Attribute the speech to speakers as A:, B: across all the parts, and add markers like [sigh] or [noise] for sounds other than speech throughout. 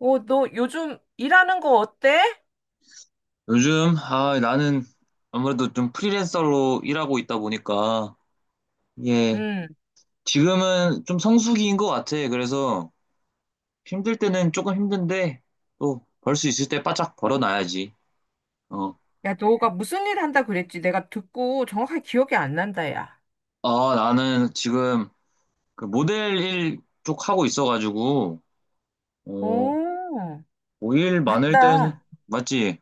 A: 어, 너 요즘 일하는 거 어때?
B: 요즘, 나는 아무래도 좀 프리랜서로 일하고 있다 보니까, 예,
A: 음.
B: 지금은 좀 성수기인 것 같아. 그래서 힘들 때는 조금 힘든데, 또 벌 수 있을 때 바짝 벌어놔야지. 어,
A: 야, 너가 무슨 일 한다 그랬지? 내가 듣고 정확하게 기억이 안 난다, 야.
B: 나는 지금 그 모델 일 쪽 하고 있어가지고, 어,
A: 오,
B: 뭐일 많을 때는,
A: 맞다.
B: 맞지?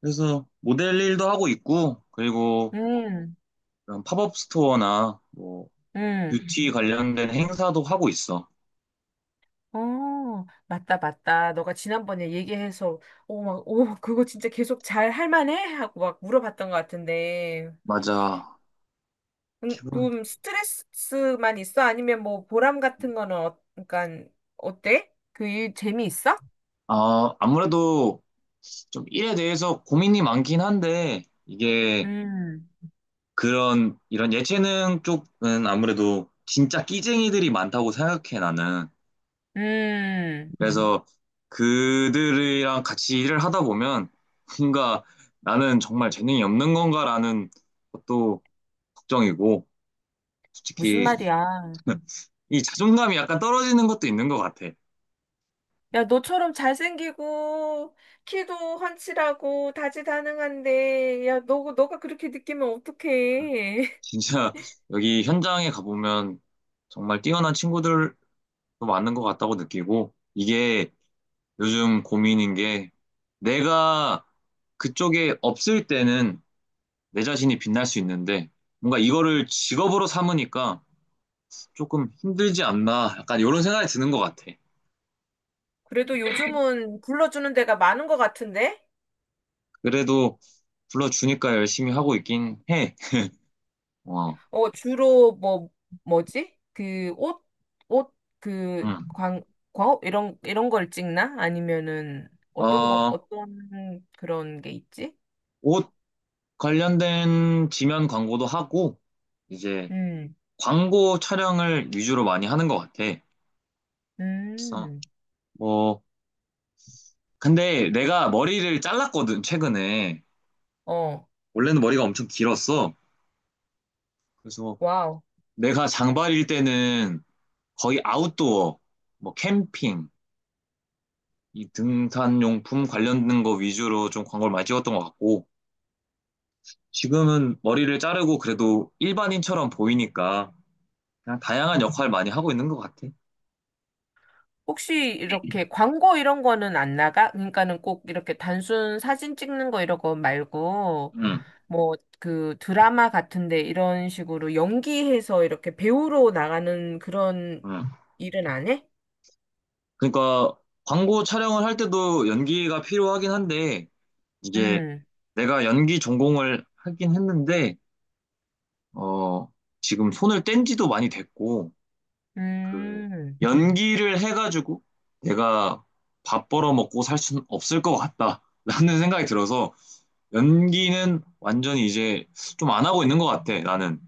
B: 그래서 모델 일도 하고 있고, 그리고
A: 음,
B: 그런 팝업 스토어나 뭐,
A: 음.
B: 뷰티 관련된 행사도 하고 있어.
A: 어, 맞다, 맞다. 너가 지난번에 얘기해서, 오, 막, 오, 그거 진짜 계속 잘 할 만해? 하고 막 물어봤던 것 같은데.
B: 맞아.
A: 좀 스트레스만 있어? 아니면 뭐 보람 같은 거는, 어, 그러니까, 어때? 그 일 재미있어?
B: 아무래도 좀 일에 대해서 고민이 많긴 한데, 이게
A: 음,
B: 이런 예체능 쪽은 아무래도 진짜 끼쟁이들이 많다고 생각해, 나는. 음.
A: 음.
B: 그래서 그들이랑 같이 일을 하다 보면, 뭔가 나는 정말 재능이 없는 건가라는 것도 걱정이고,
A: 무슨
B: 솔직히
A: 말이야?
B: 이 자존감이 약간 떨어지는 것도 있는 것 같아.
A: 야, 너처럼 잘생기고, 키도 환칠하고, 다재다능한데, 야, 너가 그렇게 느끼면 어떡해. [laughs]
B: 진짜 여기 현장에 가보면 정말 뛰어난 친구들도 많은 것 같다고 느끼고, 이게 요즘 고민인 게 내가 그쪽에 없을 때는 내 자신이 빛날 수 있는데 뭔가 이거를 직업으로 삼으니까 조금 힘들지 않나 약간 이런 생각이 드는 것 같아.
A: 그래도 요즘은 불러주는 데가 많은 것 같은데?
B: 그래도 불러주니까 열심히 하고 있긴 해. 어,
A: 어, 주로 뭐, 뭐지? 그, 옷, 그,
B: 응.
A: 광, 광업? 이런 걸 찍나? 아니면은,
B: 어,
A: 어떤 그런 게 있지?
B: 옷 관련된 지면 광고도 하고 이제
A: 음,
B: 광고 촬영을 위주로 많이 하는 것 같아. 그래서
A: 음,
B: 뭐 근데 내가 머리를 잘랐거든 최근에.
A: 어,
B: 원래는 머리가 엄청 길었어. 그래서
A: 와우.
B: 내가 장발일 때는 거의 아웃도어, 뭐 캠핑, 이 등산용품 관련된 거 위주로 좀 광고를 많이 찍었던 것 같고, 지금은 머리를 자르고 그래도 일반인처럼 보이니까 그냥 다양한 역할 많이 하고 있는 것 같아.
A: 혹시 이렇게 광고 이런 거는 안 나가? 그러니까는 꼭 이렇게 단순 사진 찍는 거 이런 거 말고
B: 응,
A: 뭐 그 드라마 같은데 이런 식으로 연기해서 이렇게 배우로 나가는 그런
B: 응.
A: 일은 안 해?
B: 그러니까 광고 촬영을 할 때도 연기가 필요하긴 한데, 이게
A: 음,
B: 내가 연기 전공을 하긴 했는데, 어, 지금 손을 뗀 지도 많이 됐고, 그
A: 음,
B: 연기를 해가지고 내가 밥 벌어 먹고 살 수는 없을 것 같다라는 [laughs] 생각이 들어서 연기는 완전히 이제 좀 안 하고 있는 것 같아 나는.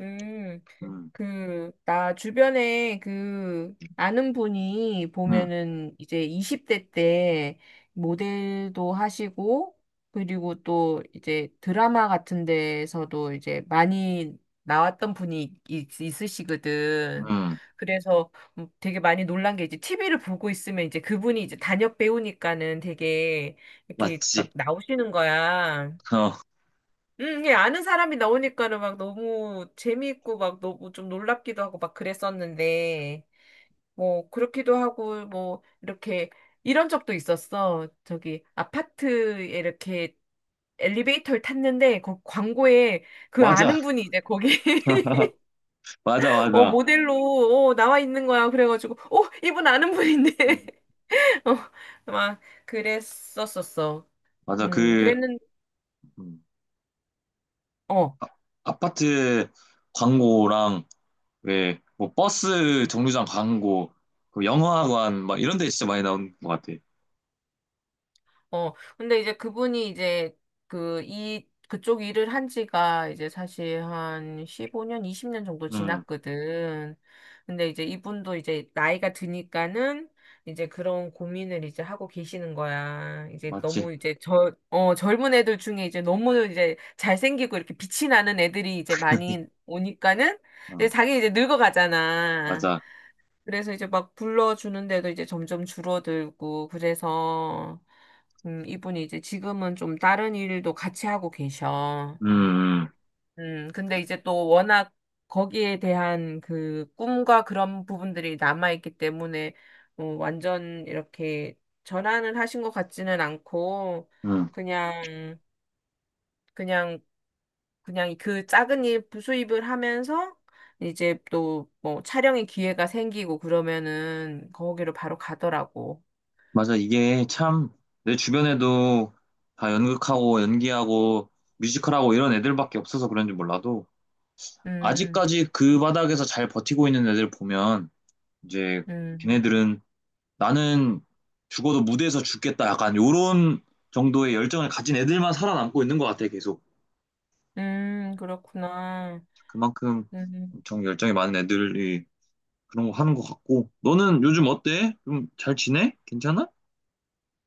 A: 음.
B: 음,
A: 그, 나 주변에 그, 아는 분이
B: 음,
A: 보면은 이제 20대 때 모델도 하시고, 그리고 또 이제 드라마 같은 데서도 이제 많이 나왔던 분이 있으시거든.
B: 음,
A: 그래서 되게 많이 놀란 게 이제 TV를 보고 있으면 이제 그분이 이제 단역 배우니까는 되게 이렇게 막
B: 맞지.
A: 나오시는 거야.
B: 어,
A: 이게 아는 사람이 나오니까는 막 너무 재미있고 막 너무 좀 놀랍기도 하고 막 그랬었는데, 뭐, 그렇기도 하고, 뭐, 이렇게, 이런 적도 있었어. 저기, 아파트에 이렇게 엘리베이터를 탔는데, 그 광고에 그
B: 맞아,
A: 아는 분이 이제 거기, [laughs]
B: 맞아,
A: 어,
B: 맞아,
A: 모델로, 어, 나와 있는 거야. 그래가지고, 어, 이분 아는 분인데.
B: 음.
A: [laughs] 어, 막, 그랬었었어.
B: 맞아.
A: 음,
B: 그
A: 그랬는,
B: 음,
A: 어.
B: 아, 아파트 광고랑 왜 뭐 버스 정류장 광고, 그 영화관 막 이런 데 진짜 많이 나온 것 같아.
A: 어, 근데 이제 그분이 이제 그쪽 일을 한 지가 이제 사실 한 15년, 20년 정도
B: 음,
A: 지났거든. 근데 이제 이분도 이제 나이가 드니까는 이제 그런 고민을 이제 하고 계시는 거야. 이제
B: 맞지.
A: 너무 이제 어, 젊은 애들 중에 이제 너무 이제 잘생기고 이렇게 빛이 나는 애들이 이제 많이 오니까는 이제
B: 어,
A: 자기 이제 늙어가잖아.
B: 맞아.
A: 그래서 이제 막 불러주는데도 이제 점점 줄어들고, 그래서, 이분이 이제 지금은 좀 다른 일도 같이 하고 계셔.
B: 음, 음.
A: 근데 이제 또 워낙 거기에 대한 그 꿈과 그런 부분들이 남아있기 때문에, 어, 완전 이렇게 전환을 하신 것 같지는 않고,
B: 음.
A: 그냥, 그냥 그냥 그 작은 일 부수입을 하면서 이제 또 뭐 촬영의 기회가 생기고 그러면은 거기로 바로 가더라고.
B: 맞아. 이게 참 내 주변에도 다 연극하고 연기하고 뮤지컬하고 이런 애들밖에 없어서 그런지 몰라도
A: 음,
B: 아직까지 그 바닥에서 잘 버티고 있는 애들 보면 이제
A: 음,
B: 걔네들은 나는 죽어도 무대에서 죽겠다 약간 요런 정도의 열정을 가진 애들만 살아남고 있는 것 같아 계속.
A: 그렇구나.
B: 그만큼
A: 음.
B: 엄청 열정이 많은 애들이 그런 거 하는 것 같고 너는 요즘 어때? 좀 잘 지내? 괜찮아?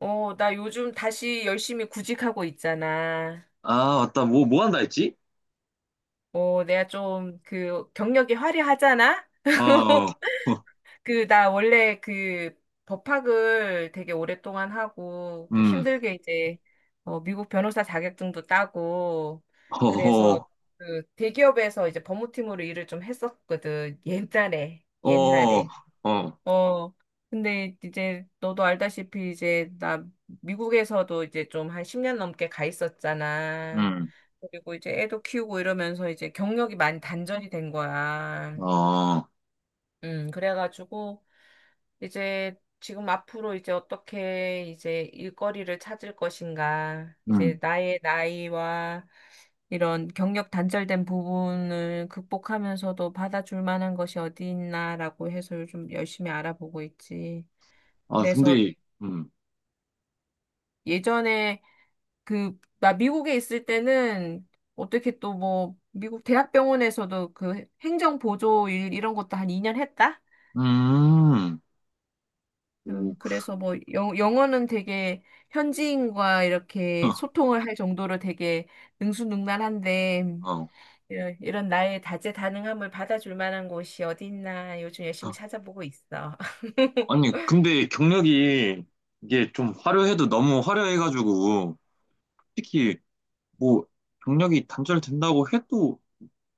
A: 어, 나 요즘 다시 열심히 구직하고 있잖아.
B: 아 맞다. 뭐 뭐 한다 했지?
A: 어, 내가 좀 그 경력이 화려하잖아?
B: 어.
A: [laughs]
B: [laughs]
A: 그, 나 원래 그 법학을 되게 오랫동안 하고 그
B: 음.
A: 힘들게 이제 어, 미국 변호사 자격증도 따고
B: 어허,
A: 그래서 그 대기업에서 이제 법무팀으로 일을 좀 했었거든. 옛날에,
B: 어, 어,
A: 옛날에. 어, 근데 이제 너도 알다시피 이제 나 미국에서도 이제 좀 한 10년 넘게 가 있었잖아.
B: 음,
A: 그리고 이제 애도 키우고 이러면서 이제 경력이 많이 단절이 된 거야.
B: 어,
A: 그래가지고 이제 지금 앞으로 이제 어떻게 이제 일거리를 찾을 것인가, 이제
B: 음.
A: 나의 나이와 이런 경력 단절된 부분을 극복하면서도 받아줄 만한 것이 어디 있나라고 해서 요즘 열심히 알아보고 있지.
B: 아,
A: 그래서
B: 근데, 음,
A: 예전에 그, 나 미국에 있을 때는 어떻게 또 뭐, 미국 대학병원에서도 그 행정보조 일 이런 것도 한 2년 했다?
B: 음, 오,
A: 그래서 뭐 영어는 되게 현지인과 이렇게
B: [laughs]
A: 소통을 할 정도로 되게 능수능란한데
B: 어. 어.
A: 이런 나의 다재다능함을 받아줄 만한 곳이 어디 있나 요즘 열심히 찾아보고 있어. [laughs]
B: 아니, 근데 경력이 이게 좀 화려해도 너무 화려해가지고, 솔직히 뭐, 경력이 단절된다고 해도,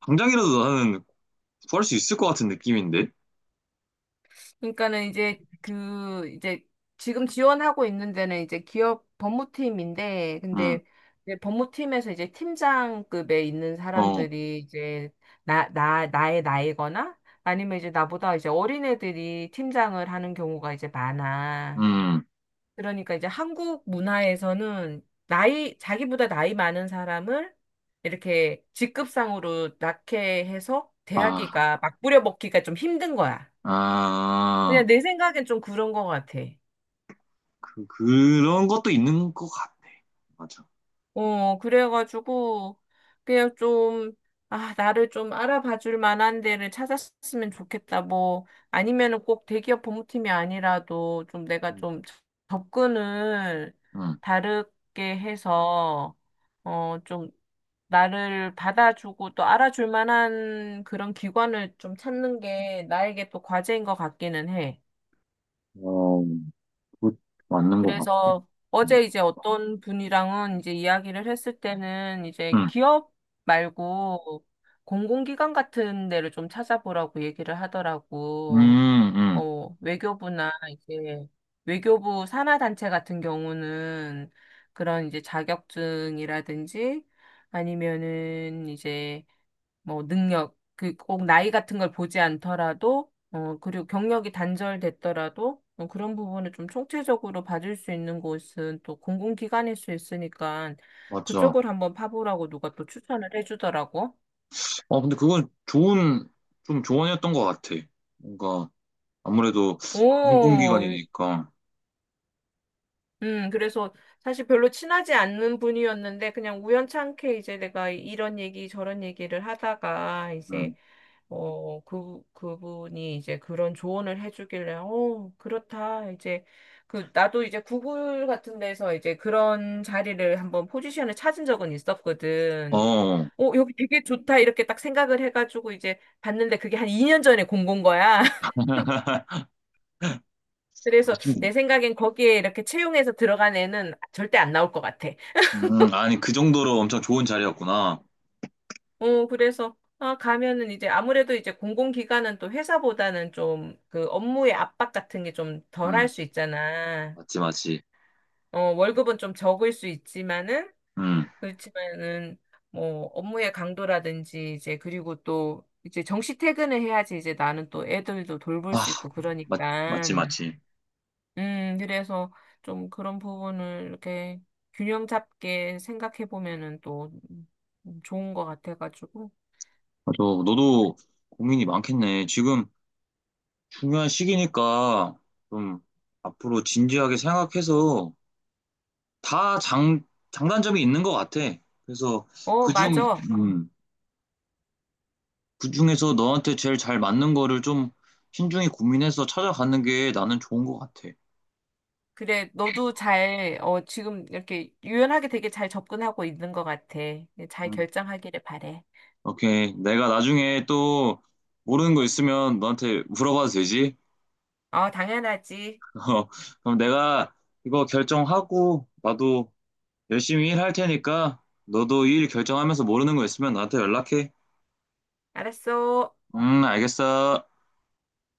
B: 당장이라도 나는 구할 수 있을 것 같은 느낌인데?
A: 그러니까는 이제 그 이제 지금 지원하고 있는 데는 이제 기업 법무팀인데
B: 음,
A: 근데 이제 법무팀에서 이제 팀장급에 있는
B: 어,
A: 사람들이 이제 나의 나이거나 아니면 이제 나보다 이제 어린애들이 팀장을 하는 경우가 이제 많아.
B: 음,
A: 그러니까 이제 한국 문화에서는 나이, 자기보다 나이 많은 사람을 이렇게 직급상으로 낙해 해서
B: 아,
A: 대하기가 막 부려먹기가 좀 힘든 거야.
B: 아,
A: 그냥 내 생각엔 좀 그런 것 같아.
B: 그런 것도 있는 것 같아. 맞아.
A: 어, 그래가지고, 그냥 좀, 아, 나를 좀 알아봐 줄 만한 데를 찾았으면 좋겠다. 뭐, 아니면은 꼭 대기업 법무팀이 아니라도 좀 내가
B: 음,
A: 좀 접근을
B: 음.
A: 다르게 해서, 어, 좀 나를 받아주고 또 알아줄 만한 그런 기관을 좀 찾는 게 나에게 또 과제인 것 같기는 해.
B: 그거 맞는 것 같아.
A: 그래서
B: 음,
A: 어제 이제 어떤 분이랑은 이제 이야기를 했을 때는 이제 기업 말고 공공기관 같은 데를 좀 찾아보라고 얘기를
B: 음,
A: 하더라고.
B: 음, 음,
A: 뭐 외교부나 이제 외교부 산하 단체 같은 경우는 그런 이제 자격증이라든지 아니면은 이제 뭐 능력, 그 꼭 나이 같은 걸 보지 않더라도, 어, 그리고 경력이 단절됐더라도, 어, 그런 부분을 좀 총체적으로 봐줄 수 있는 곳은 또 공공기관일 수 있으니까
B: 맞아.
A: 그쪽을 한번 파보라고 누가 또 추천을 해주더라고.
B: 어, 근데 그건 좋은, 좀 조언이었던 것 같아. 뭔가, 아무래도
A: 오,
B: 공공기관이니까.
A: 그래서 사실 별로 친하지 않는 분이었는데 그냥 우연찮게 이제 내가 이런 얘기 저런 얘기를 하다가 이제
B: 음,
A: 어, 그분이 이제 그런 조언을 해주길래, 어, 그렇다. 이제, 그, 나도 이제 구글 같은 데서 이제 그런 자리를 한번 포지션을 찾은 적은 있었거든.
B: 어,
A: 어, 여기 되게 좋다. 이렇게 딱 생각을 해가지고 이제 봤는데 그게 한 2년 전에 공고인 거야. [laughs]
B: [laughs]
A: 그래서
B: 아쉽네.
A: 내 생각엔 거기에 이렇게 채용해서 들어간 애는 절대 안 나올 것 같아.
B: 아니, 그 정도로 엄청 좋은 자리였구나.
A: 어, 그래서, 아, 가면은 이제 아무래도 이제 공공기관은 또 회사보다는 좀 그 업무의 압박 같은 게 좀 덜 할
B: 음,
A: 수 있잖아.
B: 맞지, 맞지.
A: 어, 월급은 좀 적을 수 있지만은,
B: 음,
A: 그렇지만은, 뭐, 업무의 강도라든지 이제 그리고 또 이제 정시 퇴근을 해야지 이제 나는 또 애들도 돌볼
B: 아,
A: 수 있고 그러니까.
B: 맞지, 맞지.
A: 그래서 좀 그런 부분을 이렇게 균형 잡게 생각해 보면은 또 좋은 것 같아가지고.
B: 맞아, 너도 고민이 많겠네. 지금 중요한 시기니까 좀 앞으로 진지하게 생각해서 다 장단점이 있는 것 같아. 그래서
A: 어,
B: 그중,
A: 맞아.
B: 음, 그중에서 너한테 제일 잘 맞는 거를 좀 신중히 고민해서 찾아가는 게 나는 좋은 것 같아.
A: 그래, 너도 잘, 어, 지금 이렇게 유연하게 되게 잘 접근하고 있는 것 같아. 잘
B: 음,
A: 결정하기를 바래.
B: 오케이. 내가 나중에 또 모르는 거 있으면 너한테 물어봐도 되지?
A: 어, 당연하지.
B: [laughs] 어, 그럼 내가 이거 결정하고 나도 열심히 일할 테니까 너도 일 결정하면서 모르는 거 있으면 나한테 연락해.
A: 알았어.
B: 알겠어.